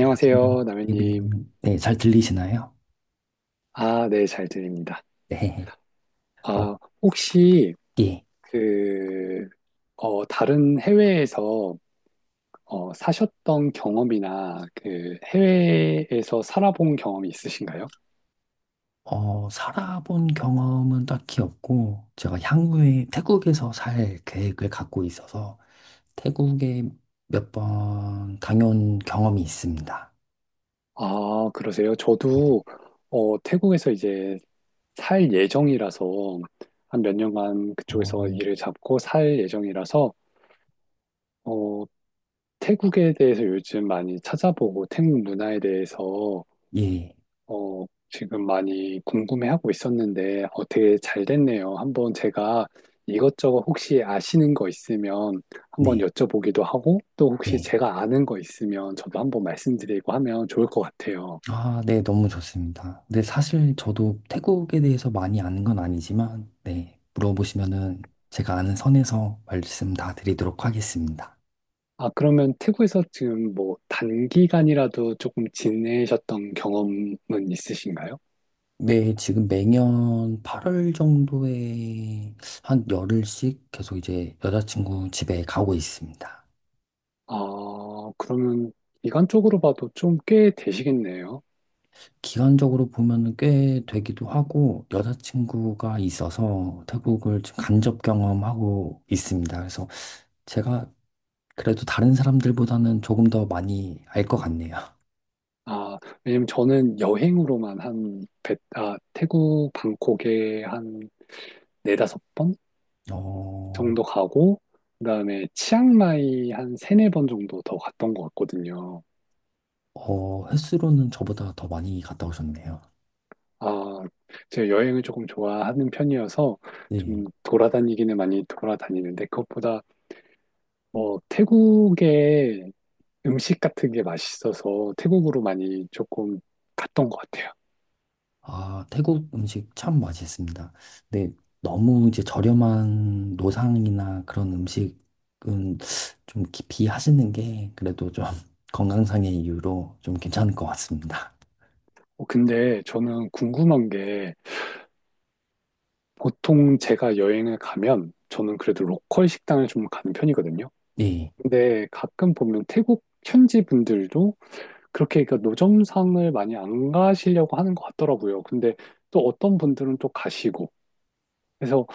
안녕하세요. 남현님. 데이비드님. 네, 잘 들리시나요? 아, 네, 잘 들립니다. 네. 어, 아, 혹시 예. 그, 다른 해외에서 사셨던 경험이나 그 해외에서 살아본 경험이 있으신가요? 살아본 경험은 딱히 없고, 제가 향후에 태국에서 살 계획을 갖고 있어서 태국에 몇 번 다녀온 경험이 있습니다. 아, 그러세요? 저도 태국에서 이제 살 예정이라서 한 몇 년간 그쪽에서 어, 일을 잡고 살 예정이라서 어, 태국에 대해서 요즘 많이 찾아보고 태국 문화에 대해서 예. 어, 지금 많이 궁금해하고 있었는데 되게 잘 됐네요. 한번 제가 이것저것 혹시 아시는 거 있으면 한번 네. 여쭤보기도 하고 또 혹시 네. 제가 아는 거 있으면 저도 한번 말씀드리고 하면 좋을 것 같아요. 아, 네. 너무 좋습니다. 근데 사실 저도 태국에 대해서 많이 아는 건 아니지만, 네, 물어보시면은 제가 아는 선에서 말씀 다 드리도록 하겠습니다. 아, 그러면 태국에서 지금 뭐 단기간이라도 조금 지내셨던 경험은 있으신가요? 네, 지금 매년 8월 정도에 한 열흘씩 계속 이제 여자친구 집에 가고 있습니다. 아, 그러면 기간적으로 봐도 좀 꽤 되시겠네요. 기간적으로 보면은 꽤 되기도 하고 여자친구가 있어서 태국을 지금 간접 경험하고 있습니다. 그래서 제가 그래도 다른 사람들보다는 조금 더 많이 알 것 같네요. 아, 왜냐면 저는 여행으로만 태국 방콕에 한 네다섯 번 어, 정도 가고, 그다음에 치앙마이 한 세네 번 정도 더 갔던 것 같거든요. 횟수로는 저보다 더 많이 갔다 오셨네요. 아, 제가 여행을 조금 좋아하는 편이어서 네. 좀 돌아다니기는 많이 돌아다니는데, 그것보다 뭐 태국의 음식 같은 게 맛있어서 태국으로 많이 조금 갔던 것 같아요. 아, 태국 음식 참 맛있습니다. 근데 너무 이제 저렴한 노상이나 그런 음식은 좀 비하시는 게 그래도 좀 건강상의 이유로 좀 괜찮을 것 같습니다. 근데 저는 궁금한 게, 보통 제가 여행을 가면 저는 그래도 로컬 식당을 좀 가는 편이거든요. 네, 근데 가끔 보면 태국 현지 분들도 그렇게 그러니까 노점상을 많이 안 가시려고 하는 것 같더라고요. 근데 또 어떤 분들은 또 가시고. 그래서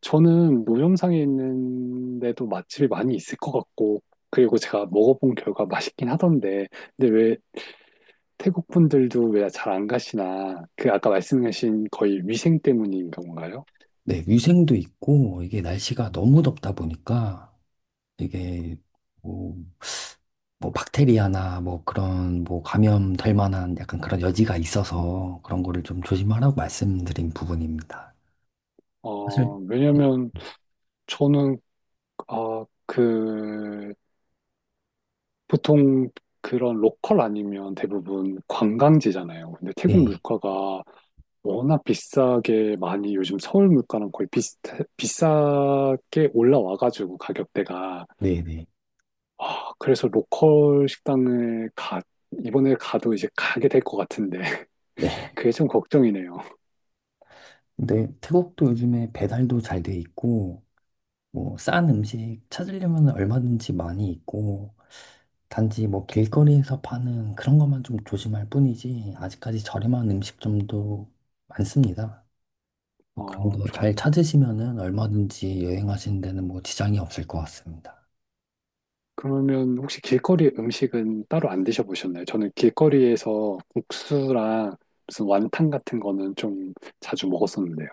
저는 노점상에 있는데도 맛집이 많이 있을 것 같고, 그리고 제가 먹어본 결과 맛있긴 하던데, 근데 왜 태국 분들도 왜 잘 안 가시나? 그 아까 말씀하신 거의 위생 때문인 건가요? 네, 위생도 있고 이게 날씨가 너무 덥다 보니까 이게 뭐, 뭐 박테리아나 뭐 그런 뭐 감염될 만한 약간 그런 여지가 있어서 그런 거를 좀 조심하라고 말씀드린 부분입니다. 왜냐면 저는 아, 그, 보통 그런 로컬 아니면 대부분 관광지잖아요. 근데 태국 네, 물가가 워낙 비싸게 많이 요즘 서울 물가랑 거의 비싸게 올라와가지고 가격대가. 네, 네, 아, 그래서 로컬 식당을 이번에 가도 이제 가게 될 것 같은데. 네. 그게 좀 걱정이네요. 근데 태국도 요즘에 배달도 잘 돼 있고, 뭐, 싼 음식 찾으려면 얼마든지 많이 있고, 단지 뭐 길거리에서 파는 그런 것만 좀 조심할 뿐이지, 아직까지 저렴한 음식점도 많습니다. 뭐 그런 어, 거 잘 찾으시면은 얼마든지 여행하시는 데는 뭐 지장이 없을 것 같습니다. 그러면 혹시 길거리 음식은 따로 안 드셔보셨나요? 저는 길거리에서 국수랑 무슨 완탕 같은 거는 좀 자주 먹었었는데요.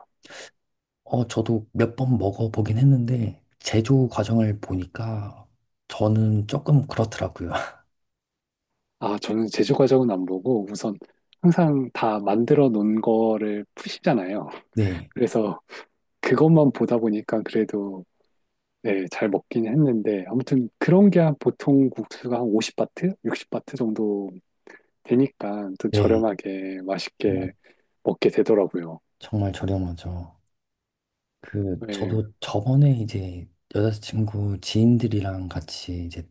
저도 몇 번 먹어보긴 했는데, 제조 과정을 보니까 저는 조금 그렇더라고요. 아, 저는 제조 과정은 안 보고 우선 항상 다 만들어 놓은 거를 푸시잖아요. 네, 그래서 그것만 보다 보니까 그래도 네, 잘 먹긴 했는데 아무튼 그런 게 한 보통 국수가 한 50바트, 60바트 정도 되니까 좀 네, 저렴하게 정말, 맛있게 먹게 되더라고요. 정말 저렴하죠. 그, 네, 저도 저번에 이제 여자친구 지인들이랑 같이 이제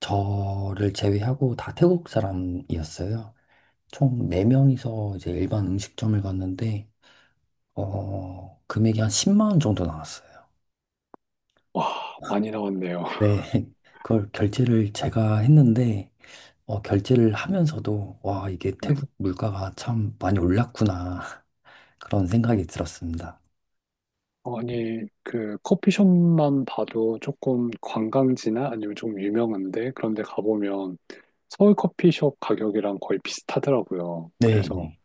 저를 제외하고 다 태국 사람이었어요. 총 4명이서 이제 일반 음식점을 갔는데, 금액이 한 10만 원 정도 나왔어요. 와, 많이 나왔네요. 네. 그걸 결제를 제가 했는데, 결제를 하면서도, 와, 이게 네. 태국 물가가 참 많이 올랐구나. 그런 생각이 들었습니다. 아니, 그 커피숍만 봐도 조금 관광지나 아니면 좀 유명한데 그런 데 가보면 서울 커피숍 가격이랑 거의 비슷하더라고요. 네, 그래서 네,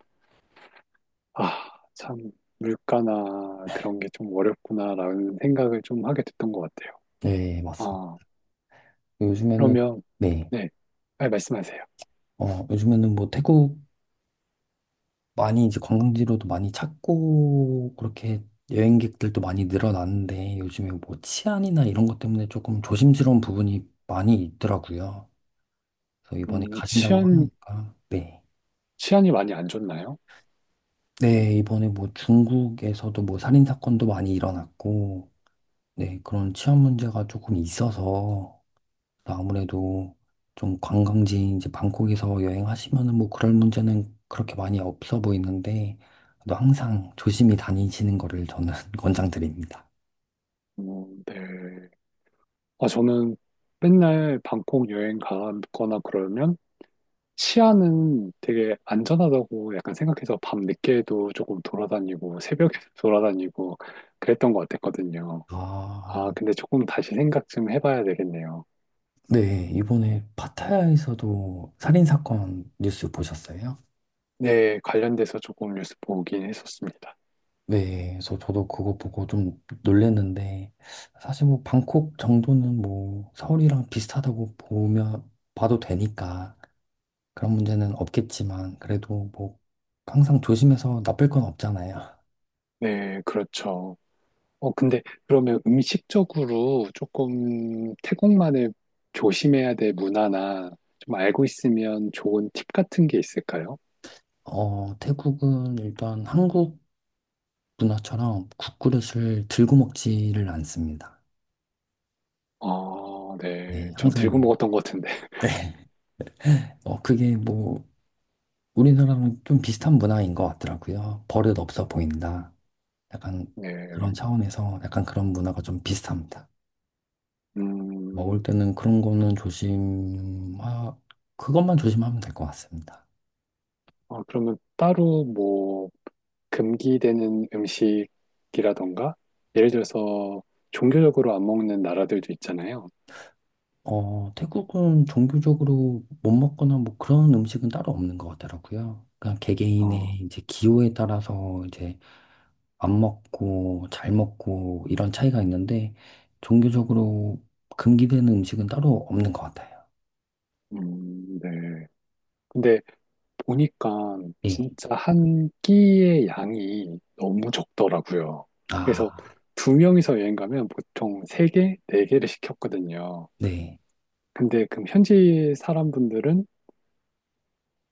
아, 참 물가나 그런 게 좀 어렵구나라는 생각을 좀 하게 됐던 것 같아요. 네, 맞습니다. 아, 요즘에는, 그러면 네, 네, 빨리 말씀하세요. 요즘에는 뭐 태국 많이 이제 관광지로도 많이 찾고 그렇게 여행객들도 많이 늘어났는데 요즘에 뭐 치안이나 이런 것 때문에 조금 조심스러운 부분이 많이 있더라고요. 그래서 이번에 음, 가신다고 치안, 하니까 네. 치안이 많이 안 좋나요? 네, 이번에 뭐 중국에서도 뭐 살인 사건도 많이 일어났고 네, 그런 치안 문제가 조금 있어서 아무래도 좀 관광지인 이제 방콕에서 여행하시면은 뭐 그럴 문제는 그렇게 많이 없어 보이는데 또 항상 조심히 다니시는 거를 저는 권장드립니다. 네. 아, 저는 맨날 방콕 여행 가거나 그러면 치안은 되게 안전하다고 약간 생각해서 밤 늦게도 조금 돌아다니고 새벽에 돌아다니고 그랬던 것 같았거든요. 아, 아, 근데 조금 다시 생각 좀 해봐야 되겠네요. 네. 이번에 파타야에서도 살인 사건 뉴스 보셨어요? 네, 관련돼서 조금 뉴스 보긴 했었습니다. 네. 그래서 저도 그거 보고 좀 놀랬는데 사실 뭐 방콕 정도는 뭐 서울이랑 비슷하다고 보면 봐도 되니까 그런 문제는 없겠지만 그래도 뭐 항상 조심해서 나쁠 건 없잖아요. 네, 그렇죠. 근데 그러면 음식적으로 조금 태국만의 조심해야 될 문화나 좀 알고 있으면 좋은 팁 같은 게 있을까요? 태국은 일단 한국 문화처럼 국그릇을 들고 먹지를 않습니다. 아, 네. 네, 전 들고 항상 먹었던 것 같은데. 네. 그게 뭐 우리나라랑 좀 비슷한 문화인 것 같더라고요. 버릇 없어 보인다. 약간 네. 그런 차원에서 약간 그런 문화가 좀 비슷합니다. 먹을 음. 때는 그런 거는 조심, 하 그것만 조심하면 될 것 같습니다. 어 그러면 따로 뭐 금기되는 음식이라던가 예를 들어서 종교적으로 안 먹는 나라들도 있잖아요. 태국은 종교적으로 못 먹거나 뭐 그런 음식은 따로 없는 것 같더라고요. 그냥 아, 개개인의 이제 기호에 따라서 이제 안 먹고 잘 먹고 이런 차이가 있는데 종교적으로 금기되는 음식은 따로 없는 것 같아요. 네. 근데 보니까 예. 진짜 한 끼의 양이 너무 적더라고요. 그래서 아, 두 명이서 여행 가면 보통 세 개, 네 개를 시켰거든요. 네. 근데 그럼 현지 사람분들은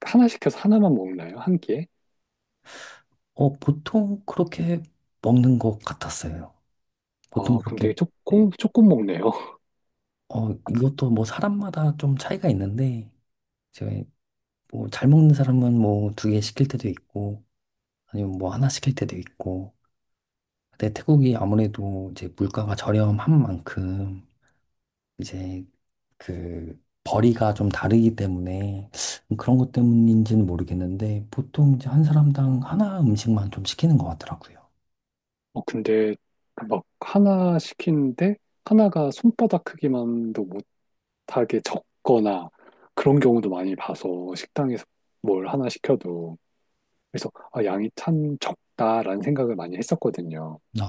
하나 시켜서 하나만 먹나요? 한 끼에? 보통 그렇게 먹는 것 같았어요. 보통 아, 그럼 그렇게, 되게 네. 조금, 조금 먹네요. 이것도 뭐 사람마다 좀 차이가 있는데, 제가 뭐 잘 먹는 사람은 뭐 두 개 시킬 때도 있고, 아니면 뭐 하나 시킬 때도 있고. 근데 태국이 아무래도 이제 물가가 저렴한 만큼 이제 그 벌이가 좀 다르기 때문에 그런 것 때문인지는 모르겠는데 보통 이제 한 사람당 하나 음식만 좀 시키는 것 같더라고요. 근데 막 하나 시키는데 하나가 손바닥 크기만도 못하게 적거나 그런 경우도 많이 봐서 식당에서 뭘 하나 시켜도 그래서 아, 양이 참 적다라는 생각을 많이 했었거든요. 아,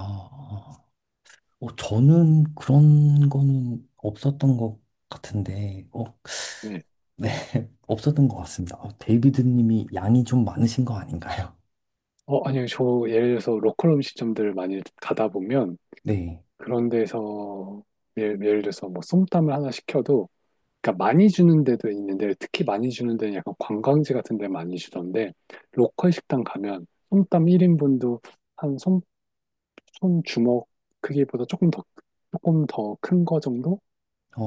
어, 저는 그런 거는 없었던 것 같은데, 네. 네, 없었던 것 같습니다. 어, 데이비드 님이 양이 좀 많으신 거 아닌가요? 아니요. 저 예를 들어서 로컬 음식점들 많이 가다 보면 네, 그런 데서 예를 들어서 뭐 솜땀을 하나 시켜도 그러니까 많이 주는 데도 있는데 특히 많이 주는 데는 약간 관광지 같은 데 많이 주던데 로컬 식당 가면 솜땀 1인분도 한 손, 손주먹 크기보다 조금 더 큰 거 정도?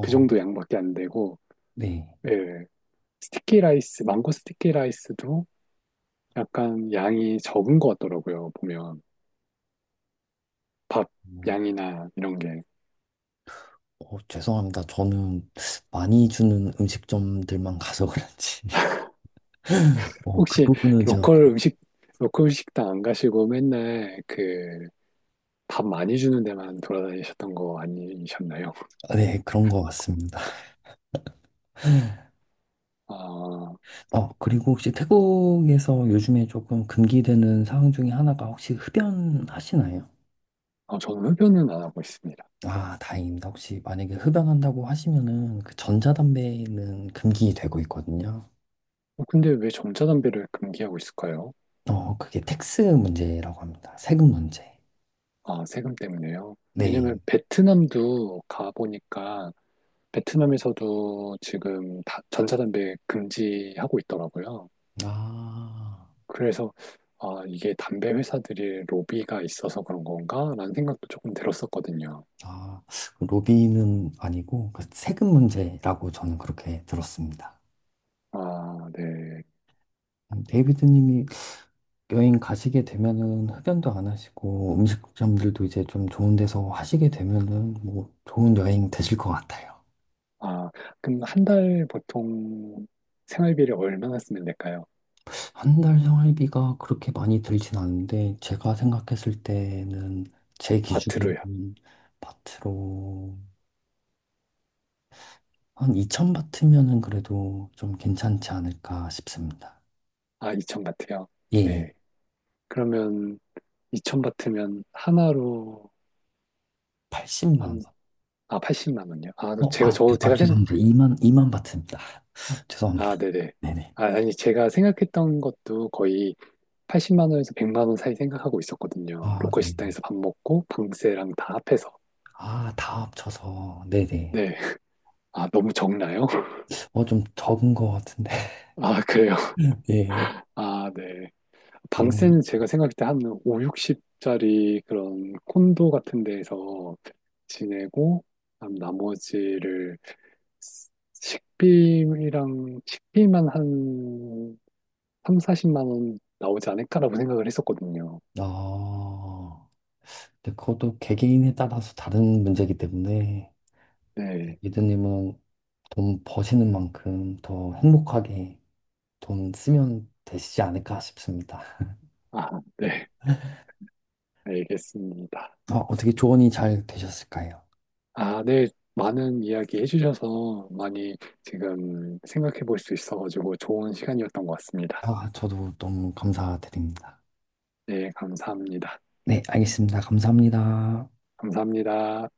그 정도 양밖에 안 되고 네. 예. 스티키 라이스, 망고 스티키 라이스도 약간 양이 적은 것 같더라고요. 보면 밥 양이나 이런 게 죄송합니다. 저는 많이 주는 음식점들만 가서 그런지. 그 혹시 부분은 로컬 음식 로컬 식당 안 가시고 맨날 그 밥 많이 주는 데만 돌아다니셨던 거 아니셨나요? 네, 그런 것 같습니다. 아, 그리고 혹시 태국에서 요즘에 조금 금기되는 상황 중에 하나가 혹시 흡연하시나요? 아, 저는 흡연은 안 하고 있습니다. 아, 다행입니다. 혹시 만약에 흡연한다고 하시면은 그 전자담배는 금기되고 있거든요. 어, 근데 왜 전자담배를 금기하고 있을까요? 그게 텍스 문제라고 합니다. 세금 문제. 아, 세금 때문에요. 네. 왜냐면 베트남도 가보니까 베트남에서도 지금 다- 전자담배 금지하고 있더라고요. 아. 그래서 아, 이게 담배 회사들이 로비가 있어서 그런 건가? 라는 생각도 조금 들었었거든요. 아, 그 로비는 아니고 그 세금 문제라고 저는 그렇게 들었습니다. 아, 네. 데이비드님이 여행 가시게 되면은 흡연도 안 하시고 음식점들도 이제 좀 좋은 데서 하시게 되면은 뭐 좋은 여행 되실 것 같아요. 아, 그럼 한 달 보통 생활비를 얼마나 쓰면 될까요? 한 달 생활비가 그렇게 많이 들진 않은데 제가 생각했을 때는 제 바트로요. 기준으로는 바트로 한 2천 바트면은 그래도 좀 괜찮지 않을까 싶습니다. 아, 2000 바트요. 예, 네. 그러면 2000 바트면 하나로 80만 한, 원. 80만 원요. 아, 또 제가 생각 죄송합니다. 2만 바트입니다. 죄송합니다. 아, 네네. 네네. 아, 아니 제가 생각했던 것도 거의 80만 원에서 100만 원 사이 생각하고 있었거든요. 아, 로컬 네네. 식당에서 밥 먹고 방세랑 다 합해서. 아, 다 합쳐서. 네네. 네. 아, 너무 적나요? 좀 적은 것 같은데. 아, 그래요. 예. 아, 네. 미안. 방세는 제가 생각할 때 한 5, 60짜리 그런 콘도 같은 데에서 지내고, 그다음 나머지를 식비랑 식비만 한 3, 40만 원 나오지 않을까라고 생각을 했었거든요. 아, 근데 그것도 개개인에 따라서 다른 문제이기 때문에, 네. 미드님은 돈 버시는 만큼 더 행복하게 돈 쓰면 되시지 않을까 싶습니다. 아, 네. 알겠습니다. 아, 어떻게 조언이 잘 되셨을까요? 아, 네. 많은 이야기 해주셔서 많이 지금 생각해 볼 수 있어가지고 좋은 시간이었던 것 같습니다. 아, 저도 너무 감사드립니다. 네, 감사합니다. 네, 알겠습니다. 감사합니다. 감사합니다.